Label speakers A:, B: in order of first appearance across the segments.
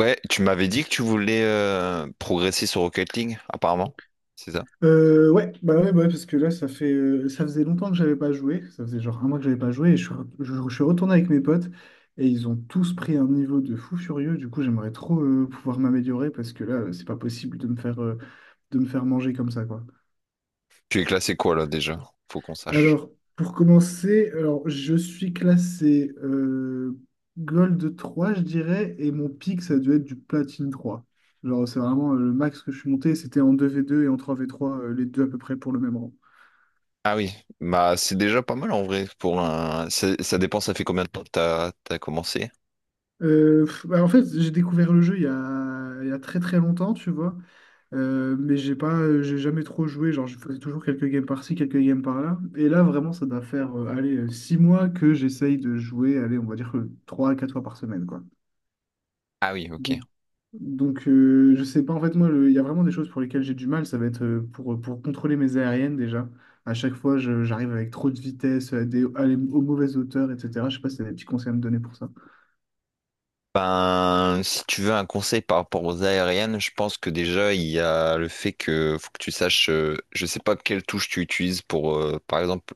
A: Ouais, tu m'avais dit que tu voulais progresser sur Rocket League, apparemment. C'est ça.
B: Ouais, bah ouais, parce que là, ça faisait longtemps que j'avais pas joué. Ça faisait genre un mois que j'avais pas joué. Et je suis retourné avec mes potes et ils ont tous pris un niveau de fou furieux. Du coup, j'aimerais trop pouvoir m'améliorer parce que là, c'est pas possible de me faire manger comme ça, quoi.
A: Tu es classé quoi là déjà? Faut qu'on sache.
B: Alors, pour commencer, je suis classé Gold 3 je dirais, et mon pic, ça a dû être du Platine trois. Genre, c'est vraiment le max que je suis monté. C'était en deux v deux et en trois v trois les deux à peu près pour le même rang.
A: Ah oui, bah c'est déjà pas mal en vrai pour un. Ça dépend. Ça fait combien de temps que t'as commencé?
B: En fait, j'ai découvert le jeu il y a très très longtemps, tu vois. Mais j'ai jamais trop joué. Genre, je faisais toujours quelques games par-ci, quelques games par-là. Et là, vraiment, ça doit faire 6 mois que j'essaye de jouer, allez, on va dire que 3 à 4 fois par semaine, quoi.
A: Ah oui, ok.
B: Donc, donc je sais pas, en fait, moi, il y a vraiment des choses pour lesquelles j'ai du mal. Ça va être pour pour contrôler mes aériennes déjà. À chaque fois, j'arrive avec trop de vitesse, à des, à les- aux mauvaises hauteurs, etc. Je sais pas si t'as des petits conseils à me donner pour ça.
A: Ben, si tu veux un conseil par rapport aux aériennes, je pense que déjà il y a le fait que faut que tu saches, je sais pas quelle touche tu utilises pour, par exemple,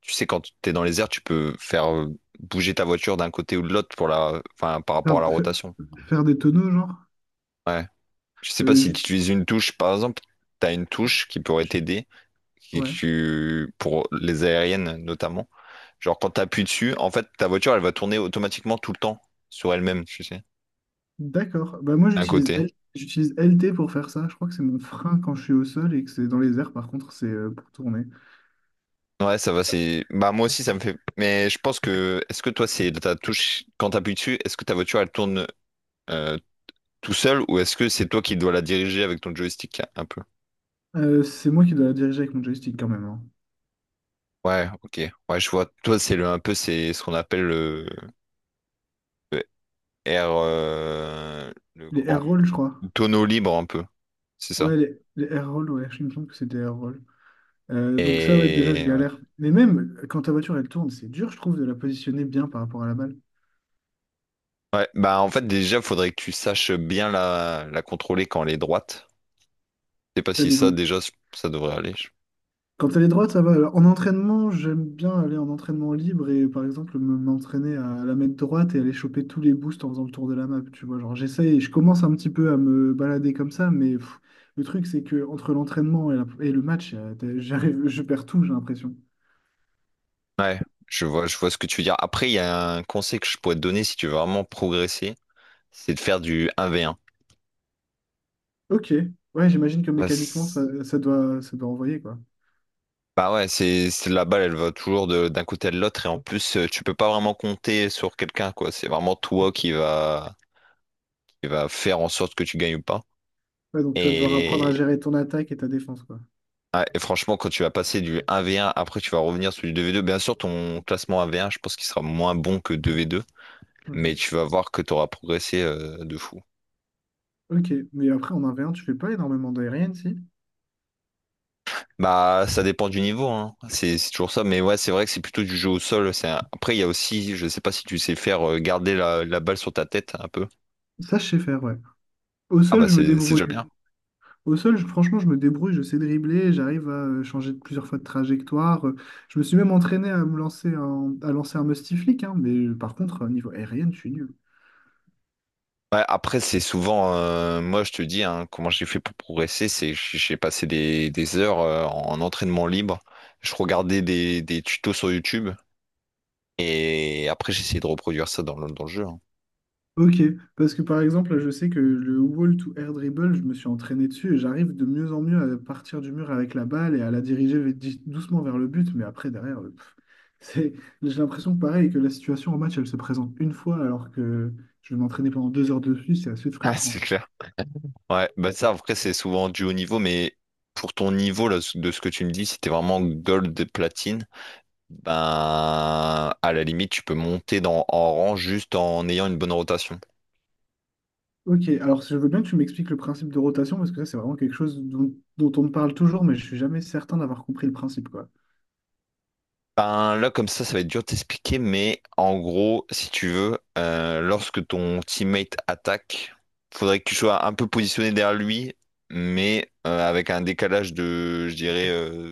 A: tu sais quand t'es dans les airs, tu peux faire bouger ta voiture d'un côté ou de l'autre pour la, enfin par
B: Faire,
A: rapport à la
B: fa-
A: rotation.
B: Faire des tonneaux, genre?
A: Ouais. Je sais pas si
B: Euh,
A: tu utilises une touche, par exemple, tu as une touche qui pourrait t'aider,
B: Ouais,
A: pour les aériennes notamment. Genre quand tu appuies dessus, en fait, ta voiture, elle va tourner automatiquement tout le temps sur elle-même, tu sais,
B: d'accord.
A: d'un côté.
B: J'utilise LT pour faire ça. Je crois que c'est mon frein quand je suis au sol et que c'est dans les airs, par contre c'est pour tourner.
A: Ouais, ça va. C'est... Bah moi aussi, ça me fait. Mais je pense que. Est-ce que toi, c'est ta touche, quand tu appuies dessus, est-ce que ta voiture, elle tourne euh, tout seul ou est-ce que c'est toi qui dois la diriger avec ton joystick un peu?
B: C'est moi qui dois la diriger avec mon joystick quand même, hein.
A: Ouais, ok. Ouais, je vois. Toi, c'est le un peu, c'est ce qu'on appelle le air, le
B: Les
A: comment?
B: air rolls je crois.
A: Tonneau libre un peu, c'est ça.
B: Ouais, les air rolls, ouais, je me semble que c'était air roll. Donc ça ouais déjà je
A: Et ouais.
B: galère. Mais même quand ta voiture elle tourne, c'est dur je trouve de la positionner bien par rapport à la balle.
A: Ouais, bah en fait déjà faudrait que tu saches bien la contrôler quand elle est droite. Je sais pas
B: T'as
A: si
B: des,
A: ça
B: en-
A: déjà ça devrait aller.
B: Quand elle est droite, ça va. Alors, en entraînement, j'aime bien aller en entraînement libre et par exemple m'entraîner à la mettre droite et aller choper tous les boosts en faisant le tour de la map. Tu vois, je commence un petit peu à me balader comme ça, mais pff, le truc c'est que entre l'entraînement et le match, j'arrive, je perds tout, j'ai l'impression.
A: Ouais, je vois ce que tu veux dire. Après, il y a un conseil que je pourrais te donner si tu veux vraiment progresser, c'est de faire du un v 1.
B: Ok, ouais, j'imagine que mécaniquement
A: Parce-
B: ça doit envoyer quoi.
A: Bah ouais, la balle, elle va toujours d'un côté à l'autre et en plus tu peux pas vraiment compter sur quelqu'un, quoi. C'est vraiment toi qui va faire en sorte que tu gagnes ou pas.
B: Ouais, donc tu vas devoir apprendre à
A: Et,
B: gérer ton attaque et ta défense quoi.
A: ouais, et franchement, quand tu vas passer du 1v1, après tu vas revenir sur du 2v2. Bien sûr, ton classement 1v1, je pense qu'il sera moins bon que 2v2, mais
B: Mhm.
A: tu vas voir que tu auras progressé de fou.
B: Ok, mais après en 1v1, tu fais pas énormément d'aérienne si?
A: Bah, ça dépend du niveau, hein. C'est toujours ça. Mais ouais, c'est vrai que c'est plutôt du jeu au sol. Après, il y a aussi, je sais pas si tu sais faire garder la balle sur ta tête un peu.
B: Ça, je sais faire, ouais. Au
A: Ah
B: sol,
A: bah
B: je me
A: c'est
B: débrouille.
A: déjà bien.
B: Au sol, franchement, je me débrouille, je sais dribbler, j'arrive à changer de plusieurs fois de trajectoire. Je me suis même entraîné à lancer un musty flick, hein, mais par contre, au niveau aérien, je suis nul.
A: Ouais, après, c'est souvent, moi je te dis, hein, comment j'ai fait pour progresser, c'est que j'ai passé des heures en entraînement libre. Je regardais des tutos sur YouTube et après j'essayais de reproduire ça dans le jeu, hein.
B: Ok, parce que par exemple, je sais que le wall to air dribble, je me suis entraîné dessus et j'arrive de mieux en mieux à partir du mur avec la balle et à la diriger doucement vers le but, mais après, derrière, c'est, j'ai l'impression que pareil, que la situation en match, elle se présente une fois alors que je vais m'entraîner pendant 2 heures dessus, c'est assez
A: Ah,
B: frustrant.
A: c'est clair. Ouais, bah ça après c'est souvent du haut niveau, mais pour ton niveau là, de ce que tu me dis, si t'es vraiment gold et platine, ben à la limite tu peux monter dans, en rang juste en ayant une bonne rotation.
B: Ok, alors je veux bien que tu m'expliques le principe de rotation, parce que ça, c'est vraiment quelque chose dont on me parle toujours, mais je suis jamais certain d'avoir compris le principe, quoi.
A: Ben, là, comme ça va être dur de t'expliquer, mais en gros, si tu veux, lorsque ton teammate attaque, faudrait que tu sois un peu positionné derrière lui, mais avec un décalage de, je dirais,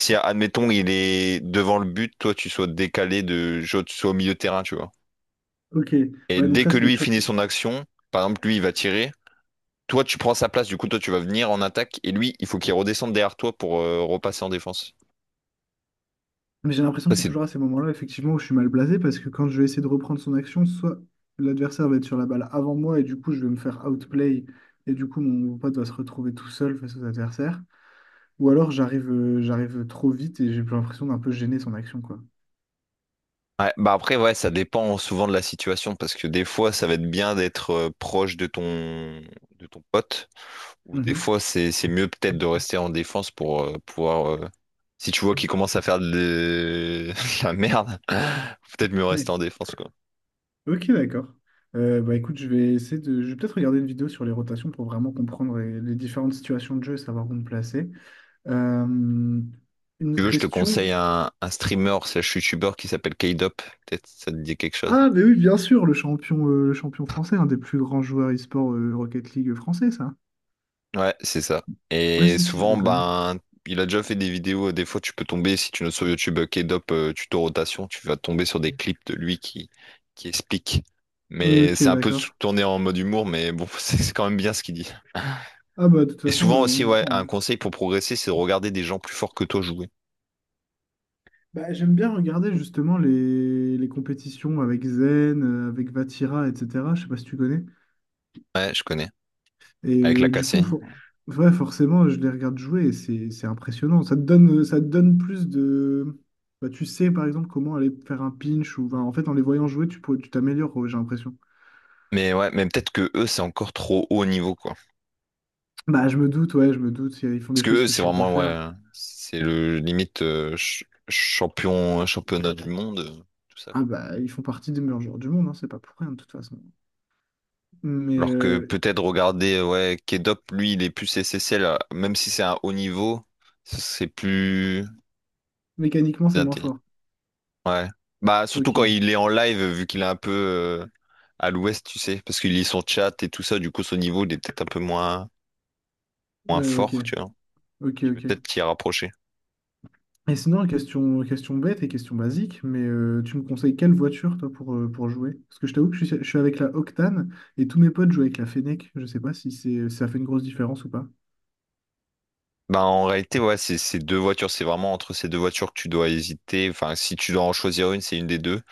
A: si admettons il est devant le but, toi tu sois décalé de, genre, tu sois au milieu de terrain, tu vois.
B: Ok,
A: Et
B: ouais, donc
A: dès
B: ça,
A: que
B: c'est des
A: lui
B: choses.
A: finit son action, par exemple, lui il va tirer, toi tu prends sa place, du coup toi tu vas venir en attaque, et lui il faut qu'il redescende derrière toi pour repasser en défense.
B: Mais j'ai l'impression
A: Ça,
B: que c'est
A: c'est.
B: toujours à ces moments-là, effectivement, où je suis mal blasé, parce que quand je vais essayer de reprendre son action, soit l'adversaire va être sur la balle avant moi, et du coup, je vais me faire outplay, et du coup, mon pote va se retrouver tout seul face aux adversaires, ou alors j'arrive trop vite et j'ai l'impression d'un peu gêner son action, quoi.
A: Ouais, bah après, ouais, ça dépend souvent de la situation, parce que des fois, ça va être bien d'être proche de ton pote ou des fois, c'est mieux peut-être de rester en défense pour pouvoir. Si tu vois qu'il commence à faire de de la merde, faut peut-être mieux rester
B: Mhm.
A: en défense, quoi.
B: Ok, d'accord. Bah écoute, je vais essayer de. Je vais peut-être regarder une vidéo sur les rotations pour vraiment comprendre les différentes situations de jeu et savoir où me placer. Euh,
A: Si
B: une
A: tu
B: autre
A: veux, je te
B: question.
A: conseille un streamer slash youtubeur qui s'appelle K-Dop. Peut-être ça te dit quelque chose.
B: Ah, mais oui, bien sûr, le champion français, un des plus grands joueurs e-sport Rocket League français, ça.
A: Ouais, c'est ça.
B: Ouais,
A: Et
B: si, si, je
A: souvent,
B: le connais.
A: ben, il a déjà fait des vidéos. Des fois, tu peux tomber, si tu notes sur YouTube K-Dop tuto rotation, tu vas tomber sur des clips de lui qui explique. Mais
B: Ok,
A: c'est un peu
B: d'accord.
A: tourné en mode humour, mais bon, c'est quand même bien ce qu'il dit.
B: Ah, bah, de toute
A: Et
B: façon,
A: souvent aussi,
B: on
A: ouais, un
B: prend, hein.
A: conseil pour progresser, c'est de regarder des gens plus forts que toi jouer.
B: Bah, j'aime bien regarder justement les compétitions avec Zen, avec Vatira, etc. Je sais pas si tu connais.
A: Ouais, je connais.
B: Et
A: Avec la
B: euh, du coup,
A: cassée.
B: for- ouais, forcément, je les regarde jouer et c'est impressionnant. Ça te donne plus de… Bah, tu sais, par exemple, comment aller faire un pinch ou… bah, en fait, en les voyant jouer, tu t'améliores, ouais, j'ai l'impression.
A: Mais ouais, mais peut-être que eux, c'est encore trop haut niveau, quoi.
B: Bah, je me doute, ouais, je me doute. Ils font
A: Parce
B: des
A: que
B: choses
A: eux,
B: que
A: c'est
B: je sais pas
A: vraiment,
B: faire.
A: ouais, c'est le limite champion, championnat du monde, tout ça.
B: Ah bah, ils font partie des meilleurs joueurs du monde, hein, c'est pas pour rien, de toute façon. Mais
A: Alors que
B: euh,
A: peut-être regarder, ouais, Kedop, lui, il est plus SSL, même si c'est un haut niveau, c'est plus
B: Mécaniquement, c'est moins
A: inté-
B: fort.
A: Ouais. Bah, surtout quand
B: Ok.
A: il est en live, vu qu'il est un peu à l'ouest, tu sais, parce qu'il lit son chat et tout ça, du coup, son niveau, il est peut-être un peu moins
B: Ouais, ok.
A: fort, tu vois.
B: Ok,
A: Tu peux
B: ok.
A: peut-être t'y rapprocher.
B: Et sinon, question, question bête et question basique, mais tu me conseilles quelle voiture, toi, pour jouer? Parce que je t'avoue que je suis avec la Octane et tous mes potes jouent avec la Fennec. Je sais pas si c'est, si ça fait une grosse différence ou pas.
A: Bah, en réalité, ouais, c'est ces deux voitures, c'est vraiment entre ces deux voitures que tu dois hésiter. Enfin, si tu dois en choisir une, c'est une des deux.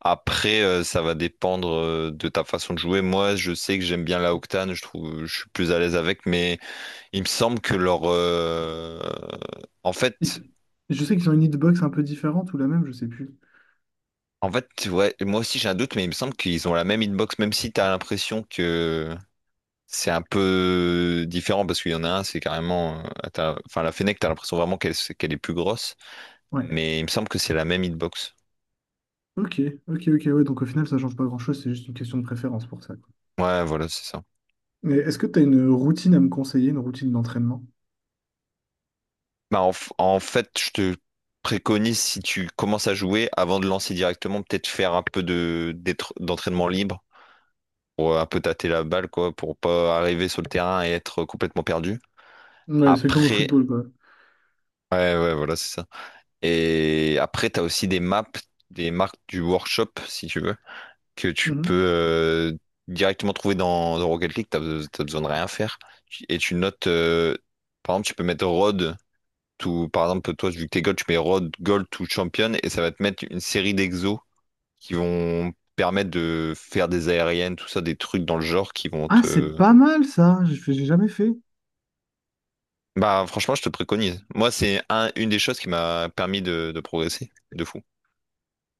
A: Après, ça va dépendre de ta façon de jouer. Moi, je sais que j'aime bien la Octane, je trouve, je suis plus à l'aise avec, mais il me semble que leur, en fait,
B: Hit- Je sais qu'ils ont une hitbox un peu différente ou la même, je sais plus.
A: ouais, moi aussi j'ai un doute, mais il me semble qu'ils ont la même hitbox, même si t'as l'impression que c'est un peu différent parce qu'il y en a un, c'est carrément, enfin la Fennec, t'as l'impression vraiment qu'elle est plus grosse,
B: Ouais.
A: mais il me semble que c'est la même hitbox.
B: Ok, ok, ouais. Donc au final, ça change pas grand-chose, c'est juste une question de préférence pour ça.
A: Ouais, voilà, c'est ça.
B: Et est-ce que tu as une routine à me conseiller, une routine d'entraînement?
A: Bah, en fait, je te préconise, si tu commences à jouer, avant de lancer directement, peut-être faire un peu d'entraînement libre pour un peu tâter la balle, quoi, pour pas arriver sur le terrain et être complètement perdu.
B: Ouais, c'est comme au
A: Après,
B: football, quoi.
A: ouais, ouais, voilà, c'est ça. Et après, t'as aussi des maps, des marques du workshop, si tu veux, que tu peux
B: Mhm.
A: directement trouver dans Rocket League. T'as besoin de rien faire. Et tu notes, par exemple, tu peux mettre Rod tout, par exemple, toi, vu que t'es gold, tu mets road, gold ou champion et ça va te mettre une série d'exos qui vont permettre de faire des aériennes, tout ça, des trucs dans le genre qui vont
B: Ah, c'est
A: te.
B: pas mal ça, j'ai jamais fait.
A: Bah, franchement, je te préconise. Moi, c'est une des choses qui m'a permis de progresser de fou.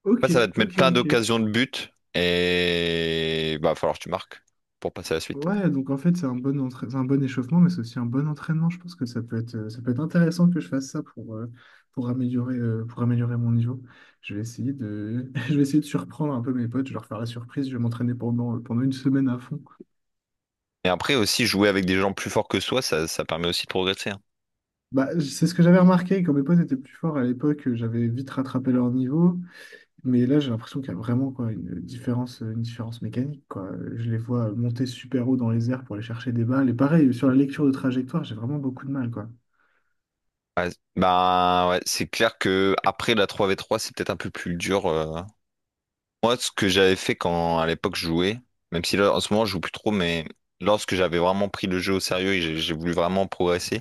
B: Ok,
A: Après, ça va te mettre plein
B: ok.
A: d'occasions de but et bah, va falloir que tu marques pour passer à la suite.
B: Ouais, donc en fait, c'est un c'est un bon échauffement, mais c'est aussi un bon entraînement. Je pense que ça peut être intéressant que je fasse ça pour améliorer mon niveau. Je vais essayer de, je vais essayer de surprendre un peu mes potes, je vais leur faire la surprise, je vais m'entraîner pendant, pendant une semaine à fond.
A: Et après aussi, jouer avec des gens plus forts que soi, ça permet aussi de progresser, hein.
B: Bah, c'est ce que j'avais remarqué, quand mes potes étaient plus forts à l'époque, j'avais vite rattrapé leur niveau. Mais là, j'ai l'impression qu'il y a vraiment quoi, une différence mécanique, quoi. Je les vois monter super haut dans les airs pour aller chercher des balles. Et pareil, sur la lecture de trajectoire, j'ai vraiment beaucoup de mal, quoi.
A: Ouais, bah ouais, c'est clair que après la 3v3 c'est peut-être un peu plus dur. Moi, ce que j'avais fait quand à l'époque je jouais, même si là en ce moment je joue plus trop, mais lorsque j'avais vraiment pris le jeu au sérieux et j'ai voulu vraiment progresser,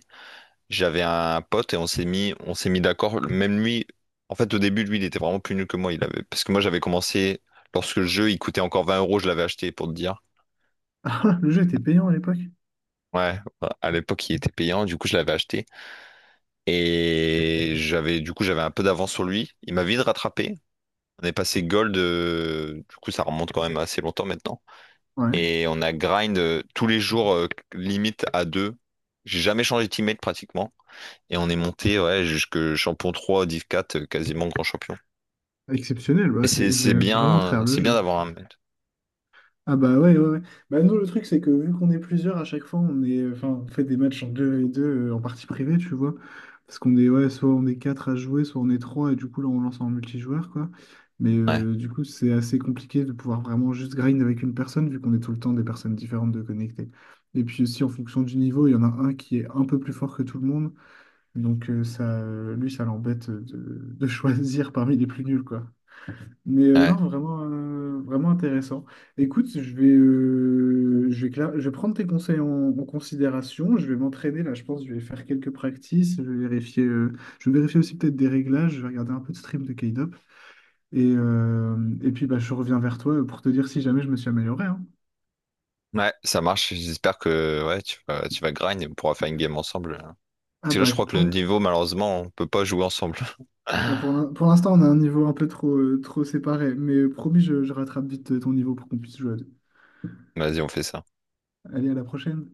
A: j'avais un pote et on s'est mis d'accord. Même lui, en fait au début lui il était vraiment plus nul que moi. Il avait, parce que moi j'avais commencé lorsque le jeu il coûtait encore 20 euros, je l'avais acheté pour te dire.
B: Ah, le jeu était payant à l'époque.
A: Ouais, à l'époque il était payant, du coup je l'avais acheté et j'avais, du coup j'avais un peu d'avance sur lui. Il m'a vite rattrapé. On est passé gold, du coup ça remonte quand même assez longtemps maintenant.
B: Ouais,
A: Et on a grind tous les jours, limite à deux. J'ai jamais changé de teammate pratiquement. Et on est monté, ouais, jusque champion 3, div quatre, quasiment grand champion.
B: exceptionnel.
A: Et
B: Ouais, c'est,
A: c'est
B: vous
A: c'est
B: avez vraiment à
A: bien,
B: travers le
A: c'est bien
B: jeu.
A: d'avoir un mate.
B: Ah bah ouais, ouais, ouais. Bah nous, le truc, c'est que vu qu'on est plusieurs, à chaque fois, on est, enfin, on fait des matchs en deux et deux en partie privée, tu vois. Parce qu'on est, ouais, soit on est 4 à jouer, soit on est 3 et du coup, là, on lance en multijoueur, quoi. Mais
A: Ouais,
B: du coup, c'est assez compliqué de pouvoir vraiment juste grind avec une personne, vu qu'on est tout le temps des personnes différentes de connecter. Et puis aussi, en fonction du niveau, il y en a un qui est un peu plus fort que tout le monde. Donc lui, ça l'embête de choisir parmi les plus nuls, quoi. Mais non,
A: ouais,
B: vraiment, vraiment intéressant. Écoute, je vais prendre tes conseils en considération. Je vais m'entraîner là, je pense. Je vais faire quelques practices. Je vais vérifier aussi peut-être des réglages. Je vais regarder un peu de stream de K-Dop. Et, euh, et puis, bah, je reviens vers toi pour te dire si jamais je me suis amélioré, hein.
A: ouais, ça marche. J'espère que, ouais, tu vas grind et on pourra faire une game ensemble, hein.
B: Ah
A: Parce que là, je
B: bah
A: crois que le
B: quand?
A: niveau, malheureusement, on peut pas jouer ensemble.
B: Ah, pour l'instant, on a un niveau un peu trop, trop séparé. Mais promis, je rattrape vite ton niveau pour qu'on puisse jouer à deux.
A: Vas-y, on fait ça.
B: Allez, à la prochaine.